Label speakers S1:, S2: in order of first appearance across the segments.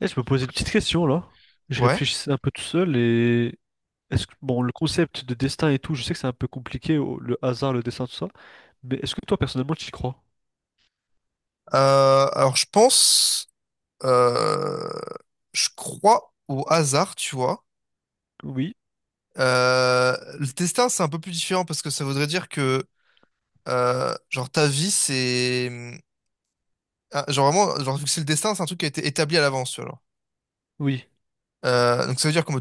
S1: Et je me posais une petite question là. Je
S2: Ouais.
S1: réfléchissais un peu tout seul et est-ce que bon le concept de destin et tout, je sais que c'est un peu compliqué le hasard, le destin, tout ça, mais est-ce que toi personnellement tu y crois?
S2: Alors je pense, euh, je crois au hasard, tu vois.
S1: Oui,
S2: Le destin, c'est un peu plus différent parce que ça voudrait dire que genre, ta vie, c'est... Genre vraiment, genre, vu que c'est le destin, c'est un truc qui a été établi à l'avance, tu vois. Genre.
S1: oui,
S2: Donc ça veut dire que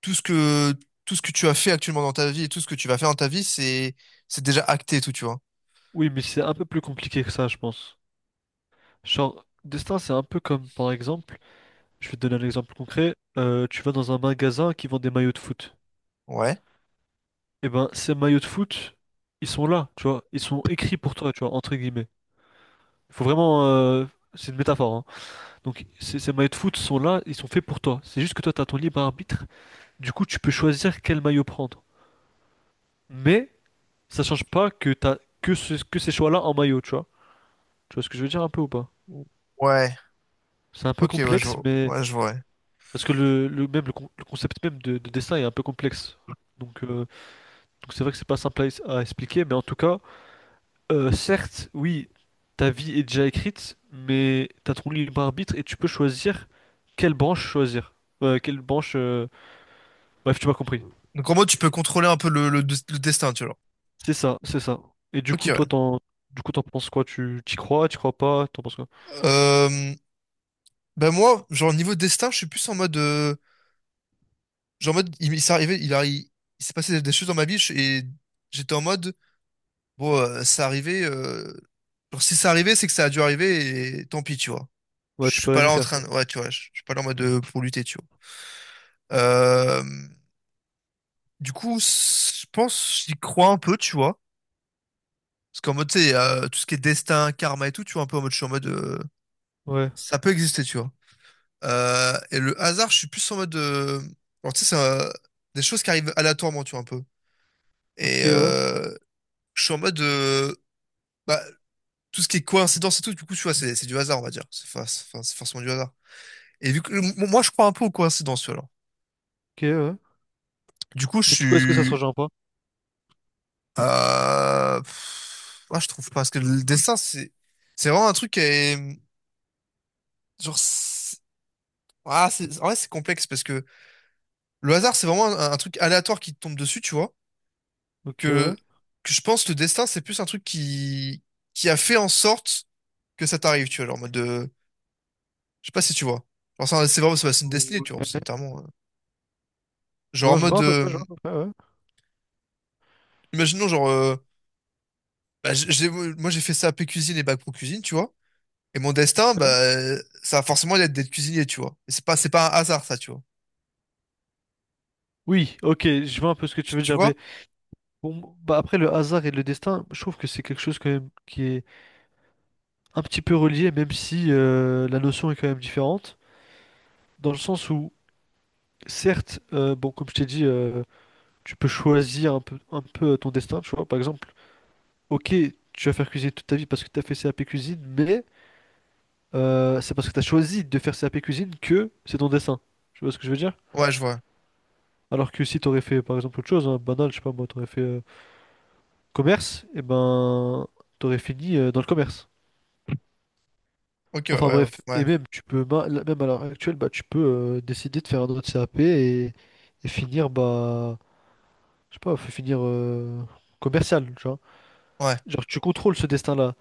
S2: tout ce que, tout ce que tu as fait actuellement dans ta vie et tout ce que tu vas faire dans ta vie, c'est déjà acté et tout, tu vois.
S1: oui, mais c'est un peu plus compliqué que ça, je pense. Genre destin, c'est un peu comme par exemple, je vais te donner un exemple concret. Tu vas dans un magasin qui vend des maillots de foot.
S2: Ouais.
S1: Et ben ces maillots de foot, ils sont là, tu vois, ils sont écrits pour toi, tu vois, entre guillemets. Il faut vraiment, c'est une métaphore, hein. Donc ces maillots de foot sont là, ils sont faits pour toi. C'est juste que toi, tu as ton libre arbitre. Du coup, tu peux choisir quel maillot prendre. Mais ça change pas que que ces choix-là en maillot, tu vois. Tu vois ce que je veux dire un peu ou pas?
S2: Ouais.
S1: C'est un peu
S2: Ok, ouais, je
S1: complexe,
S2: vois.
S1: mais
S2: Ouais, je vois, ouais.
S1: parce que le concept même de dessin est un peu complexe. Donc euh, donc c'est vrai que c'est pas simple à expliquer, mais en tout cas, certes, oui, ta vie est déjà écrite, mais t'as ton libre arbitre et tu peux choisir quelle branche choisir. Quelle branche. Bref, tu m'as compris.
S2: Donc en mode, tu peux contrôler un peu le destin, tu vois. Genre.
S1: C'est ça, c'est ça. Et du
S2: Ok,
S1: coup,
S2: ouais.
S1: du coup, t'en penses quoi? Tu t'y crois pas, t'en penses quoi?
S2: Euh, Bah moi, genre niveau destin, je suis plus en mode, genre en mode, il s'est arrivé, il, a- il, il s'est passé des choses dans ma vie et j'étais en mode, bon, ça arrivait, genre si ça arrivait, c'est que ça a dû arriver et tant pis, tu vois.
S1: Ouais,
S2: Je
S1: tu
S2: suis
S1: peux rien
S2: pas
S1: y
S2: là en
S1: faire,
S2: train,
S1: quoi.
S2: de- ouais, tu vois, je suis pas là en mode pour lutter, tu vois. Euh, du coup, je pense, j'y crois un peu, tu vois, parce qu'en mode, tu sais, tout ce qui est destin, karma et tout, tu vois, un peu en mode, je suis en mode,
S1: Ouais.
S2: ça peut exister, tu vois. Et le hasard, je suis plus en mode. Alors, tu sais, c'est des choses qui arrivent aléatoirement, tu vois, un peu.
S1: Ok,
S2: Et
S1: ouais.
S2: euh, je suis en mode. Bah, tout ce qui est coïncidence et tout, du coup, tu vois, c'est du hasard, on va dire. C'est fa- c'est- enfin, c'est forcément du hasard. Et vu que moi, je crois un peu aux coïncidences, tu vois, alors.
S1: Ok, ouais.
S2: Du coup, je
S1: Mais du coup, est-ce que ça se
S2: suis.
S1: rejoint pas?
S2: Je trouve pas. Parce que le dessin, c'est vraiment un truc qui est. Genre. c'est- En vrai, c'est complexe parce que le hasard, c'est vraiment un truc aléatoire qui te tombe dessus, tu vois.
S1: Ok, ouais.
S2: que, que je pense que le destin, c'est plus un truc qui a fait en sorte que ça t'arrive, tu vois, genre en mode de... Je sais pas si tu vois. Genre, c'est vraiment, c'est une destinée, tu vois,
S1: Ouais.
S2: c'est littéralement... Genre en
S1: Non, je
S2: mode...
S1: vois à peu près, je vois à peu près, ouais.
S2: Imaginons, genre... bah, moi, j'ai fait ça AP cuisine et bac pro cuisine, tu vois. Et mon
S1: Ok,
S2: destin, bah,
S1: ouais.
S2: ça va forcément être d'être cuisinier, tu vois. Et c'est pas un hasard, ça, tu vois.
S1: Oui, ok, je vois un peu ce que tu
S2: Tu
S1: veux
S2: tu
S1: dire,
S2: vois?
S1: mais bon, bah après le hasard et le destin, je trouve que c'est quelque chose quand même qui est un petit peu relié, même si la notion est quand même différente, dans le sens où, certes, bon, comme je t'ai dit, tu peux choisir un peu ton destin, tu vois, par exemple. Ok, tu vas faire cuisiner toute ta vie parce que tu as fait CAP cuisine, mais c'est parce que tu as choisi de faire CAP cuisine que c'est ton dessin. Tu vois ce que je veux dire?
S2: Ouais, je vois.
S1: Alors que si tu aurais fait par exemple autre chose, hein, banal, je sais pas moi, tu aurais fait commerce, et ben tu aurais fini dans le commerce.
S2: Ok, ouais,
S1: Enfin
S2: ouais, ouais,
S1: bref,
S2: ouais.
S1: et même tu peux ma- là- même à l'heure actuelle, bah, tu peux décider de faire un autre CAP et finir bah je sais pas, faut finir commercial, tu vois.
S2: Ouais.
S1: Genre tu contrôles ce destin-là.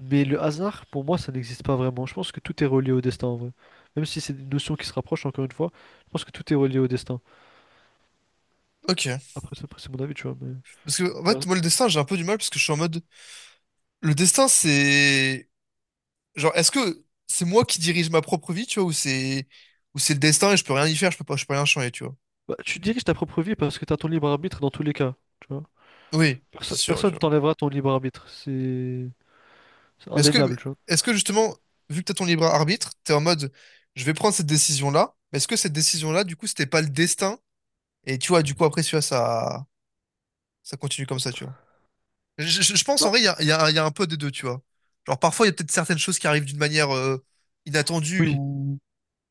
S1: Mais le hasard, pour moi, ça n'existe pas vraiment. Je pense que tout est relié au destin en vrai. Même si c'est des notions qui se rapprochent, encore une fois, je pense que tout est relié au destin.
S2: Ok.
S1: Après, c'est mon avis, tu vois. Mais...
S2: Parce que, en
S1: Par
S2: fait,
S1: exemple,
S2: moi, le destin, j'ai un peu du mal parce que je suis en mode... Le destin, c'est... Genre, est-ce que c'est moi qui dirige ma propre vie, tu vois, ou c'est le destin et je peux rien y faire, je peux pas, je peux rien changer, tu vois.
S1: bah, tu diriges ta propre vie parce que tu as ton libre arbitre dans tous les cas, tu vois.
S2: Oui, c'est sûr, ouais, tu
S1: Personne
S2: vois.
S1: t'enlèvera ton libre arbitre. C'est
S2: Mais
S1: indéniable, tu vois.
S2: est-ce que justement, vu que t'as ton libre arbitre, t'es en mode je vais prendre cette décision-là, mais est-ce que cette décision-là, du coup, c'était pas le destin? Et tu vois, du coup, après, tu vois, ça continue comme ça, tu vois. Je pense en
S1: Bah,
S2: vrai, il y a un peu des deux, tu vois. Genre, parfois, il y a peut-être certaines choses qui arrivent d'une manière inattendue
S1: oui.
S2: ou.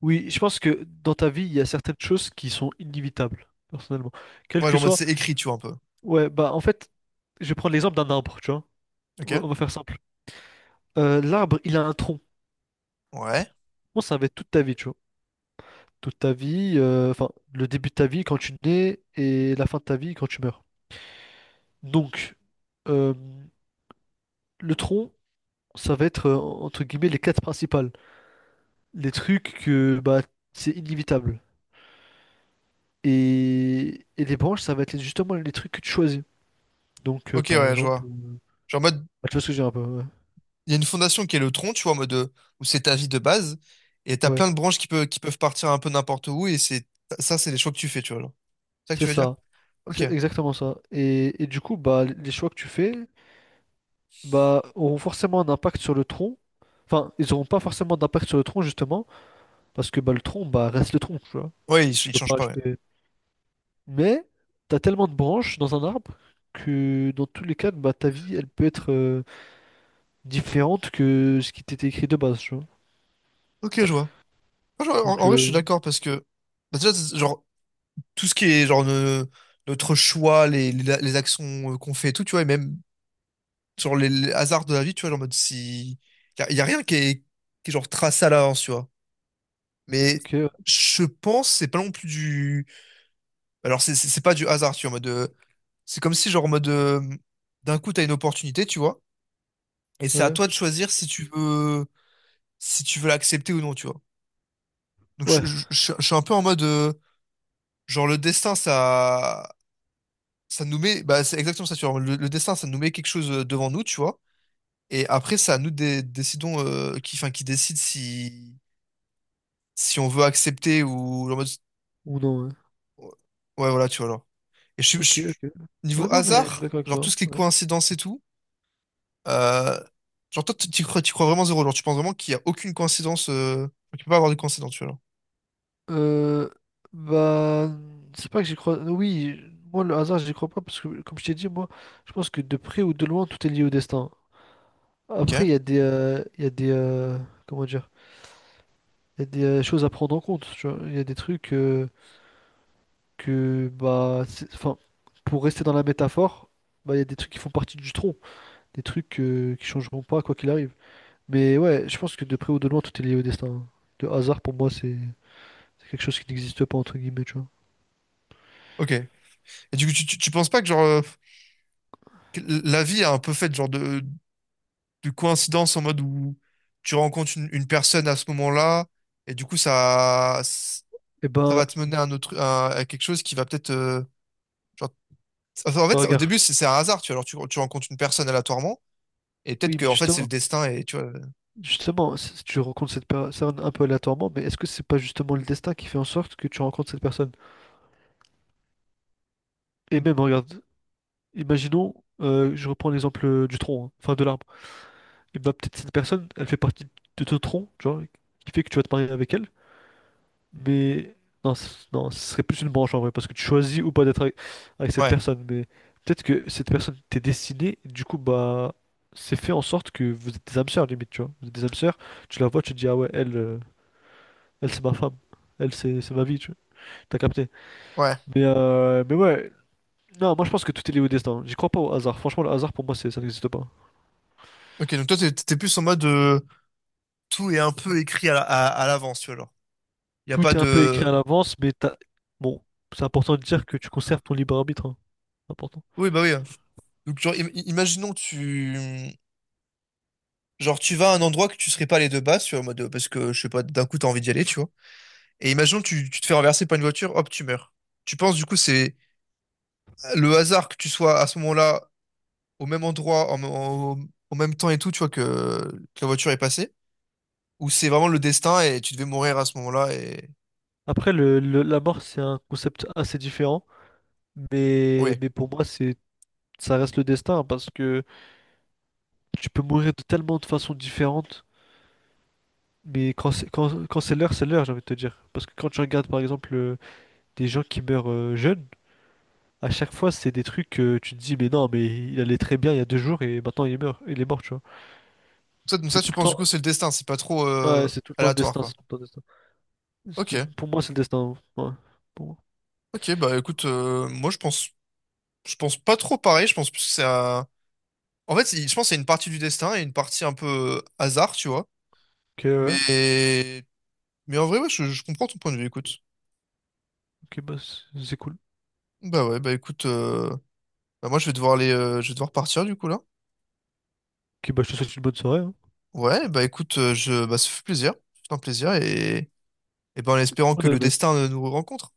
S1: Oui, je pense que dans ta vie, il y a certaines choses qui sont inévitables, personnellement. Quel
S2: Ouais,
S1: que
S2: genre, en mode
S1: soit.
S2: c'est écrit, tu vois, un peu.
S1: Ouais, bah en fait, je vais prendre l'exemple d'un arbre, tu vois.
S2: Ok?
S1: On va faire simple. L'arbre, il a un tronc.
S2: Ouais.
S1: Moi, ça va être toute ta vie, tu vois. Toute ta vie, enfin, le début de ta vie quand tu nais et la fin de ta vie quand tu meurs. Donc, euh, le tronc, ça va être, entre guillemets, les quêtes principales. Les trucs que, bah, c'est inévitable. Et les branches, ça va être justement les trucs que tu choisis. Donc,
S2: Ok,
S1: par
S2: ouais, je
S1: exemple,
S2: vois. Genre, en mode.
S1: bah, tu vois ce que je veux dire un peu, ouais.
S2: Il y a une fondation qui est le tronc, tu vois, en mode où c'est ta vie de base, et t'as
S1: Ouais,
S2: plein de branches qui peuvent partir un peu n'importe où, et c'est ça, c'est les choix que tu fais, tu vois. Genre. C'est ça que
S1: c'est
S2: tu veux dire?
S1: ça.
S2: Ok.
S1: C'est exactement ça. Et du coup, bah, les choix que tu fais, bah, auront forcément un impact sur le tronc. Enfin, ils n'auront pas forcément d'impact sur le tronc, justement. Parce que bah, le tronc, bah, reste le tronc, tu vois.
S2: Ouais,
S1: Je
S2: ils
S1: peux
S2: changent
S1: pas
S2: pas, ouais.
S1: acheter. Mais t'as tellement de branches dans un arbre que dans tous les cas, bah, ta vie, elle peut être différente que ce qui t'était écrit de base, tu vois.
S2: Ok, je vois. En,
S1: Donc,
S2: en vrai, je suis
S1: euh,
S2: d'accord parce que, bah, déjà, c'est genre, tout ce qui est, genre, notre choix, les actions qu'on fait et tout, tu vois, et même, sur les hasards de la vie, tu vois, genre, en mode si. Y a rien qui est, qui est, genre, tracé à l'avance, tu vois. Mais
S1: ok,
S2: je pense, c'est pas non plus Alors, c'est pas du hasard, tu vois, en mode. C'est comme si, genre, en mode. D'un coup, t'as une opportunité, tu vois. Et c'est à
S1: ouais,
S2: toi de choisir si tu veux, si tu veux l'accepter ou non, tu vois. Donc,
S1: ouais.
S2: je suis un peu en mode. Genre, le destin, ça. Ça nous met. Bah, c'est exactement ça, tu vois. Le destin, ça nous met quelque chose devant nous, tu vois. Et après, c'est à nous de décidons. Qui, enfin, qui décide si. Si on veut accepter ou. En mode-
S1: Ou non, ouais.
S2: Ouais, voilà, tu vois, alors. Et je suis. je
S1: Ok,
S2: suis-
S1: ok.
S2: Niveau
S1: Ouais, non, mais je suis
S2: hasard,
S1: d'accord avec
S2: genre, tout
S1: toi,
S2: ce qui est
S1: ouais.
S2: coïncidence et tout. Euh, genre, toi, tu crois, tu crois vraiment zéro. Genre, tu penses vraiment qu'il n'y a aucune coïncidence. Tu peux pas avoir de coïncidence, tu vois. Genre.
S1: Euh, Bah, c'est pas que j'y crois. Oui, moi, le hasard, j'y crois pas parce que, comme je t'ai dit, moi, je pense que de près ou de loin, tout est lié au destin.
S2: Ok.
S1: Après, il y a comment dire? Il y a des choses à prendre en compte, tu vois. Il y a des trucs bah, enfin, pour rester dans la métaphore, bah, il y a des trucs qui font partie du tronc, des trucs qui changeront pas quoi qu'il arrive. Mais ouais, je pense que de près ou de loin, tout est lié au destin, hein. Le hasard, pour moi, c'est quelque chose qui n'existe pas, entre guillemets, tu vois.
S2: Ok. Et du coup, tu penses pas que, genre, que la vie est un peu faite, genre, de coïncidence en mode où tu rencontres une personne à ce moment-là, et du coup,
S1: Eh
S2: ça
S1: ben,
S2: va te mener à, un autre, à quelque chose qui va peut-être. Genre... enfin, en fait,
S1: bah,
S2: ça- au
S1: regarde,
S2: début, c'est c'est un hasard, tu vois. Alors, tu rencontres une personne aléatoirement, et peut-être
S1: oui,
S2: que,
S1: mais
S2: en fait, c'est le
S1: justement,
S2: destin, et tu vois.
S1: justement, si tu rencontres cette personne un peu aléatoirement, mais est-ce que c'est pas justement le destin qui fait en sorte que tu rencontres cette personne? Et
S2: Donc,
S1: même, regarde, imaginons, je reprends l'exemple du tronc, hein, enfin de l'arbre. Et bah peut-être cette personne, elle fait partie de ton tronc, genre, qui fait que tu vas te marier avec elle. Mais non, ce serait plus une branche en vrai, parce que tu choisis ou pas d'être avec cette
S2: ouais.
S1: personne. Mais peut-être que cette personne t'est destinée, et du coup, bah, c'est fait en sorte que vous êtes des âmes sœurs, limite, tu vois. Vous êtes des âmes sœurs, tu la vois, tu te dis, ah ouais, elle, elle c'est ma femme. Elle, c'est ma vie, tu vois. T'as capté.
S2: Ouais.
S1: Mais ouais, non, moi je pense que tout est lié au destin. J'y crois pas au hasard. Franchement, le hasard, pour moi, ça n'existe pas.
S2: Ok, donc toi, t'es plus en mode. Tout est un peu écrit à, à l'avance, tu vois, genre. Il n'y a pas
S1: Tout est un peu écrit à
S2: de...
S1: l'avance, mais t'as... bon, c'est important de dire que tu conserves ton libre arbitre, hein. C'est important.
S2: Oui, bah oui. Donc, genre, imaginons que tu... Genre, tu vas à un endroit que tu serais pas allé de base, tu vois, en mode, parce que, je sais pas, d'un coup, t'as envie d'y aller, tu vois. Et imaginons que tu te fais renverser par une voiture, hop, tu meurs. Tu penses, du coup, c'est le hasard que tu sois à ce moment-là, au même endroit, en même temps et tout, tu vois, que la voiture est passée, ou c'est vraiment le destin et tu devais mourir à ce moment-là et...
S1: Après, la mort, c'est un concept assez différent,
S2: Ouais.
S1: mais pour moi, ça reste le destin hein, parce que tu peux mourir de tellement de façons différentes. Mais quand c'est l'heure, j'ai envie de te dire. Parce que quand tu regardes par exemple des gens qui meurent jeunes, à chaque fois c'est des trucs que tu te dis mais non mais il allait très bien il y a deux jours et maintenant il est mort, tu vois.
S2: Ça, donc
S1: C'est
S2: ça,
S1: tout
S2: tu
S1: le
S2: penses, du
S1: temps
S2: coup, c'est le destin, c'est pas trop
S1: Ouais, c'est tout le temps le
S2: aléatoire,
S1: destin,
S2: quoi.
S1: c'est tout le temps le destin.
S2: Ok.
S1: Pour moi c'est le destin, hein. Ouais. Pour moi.
S2: Ok, bah écoute, moi je pense pas trop pareil. Je pense plus que c'est un... En fait, je pense que c'est une partie du destin et une partie un peu hasard, tu vois.
S1: Ok ouais.
S2: Mais, mais en vrai, ouais, je comprends ton point de vue. Écoute,
S1: Ok bah c'est cool.
S2: bah ouais, bah écoute, bah moi je vais devoir aller, je vais devoir partir du coup là.
S1: Ok bah je te souhaite une bonne soirée, hein.
S2: Ouais, bah écoute, bah ça fait plaisir, c'est un plaisir et ben en espérant
S1: Ouais,
S2: que le
S1: bah,
S2: destin nous rencontre.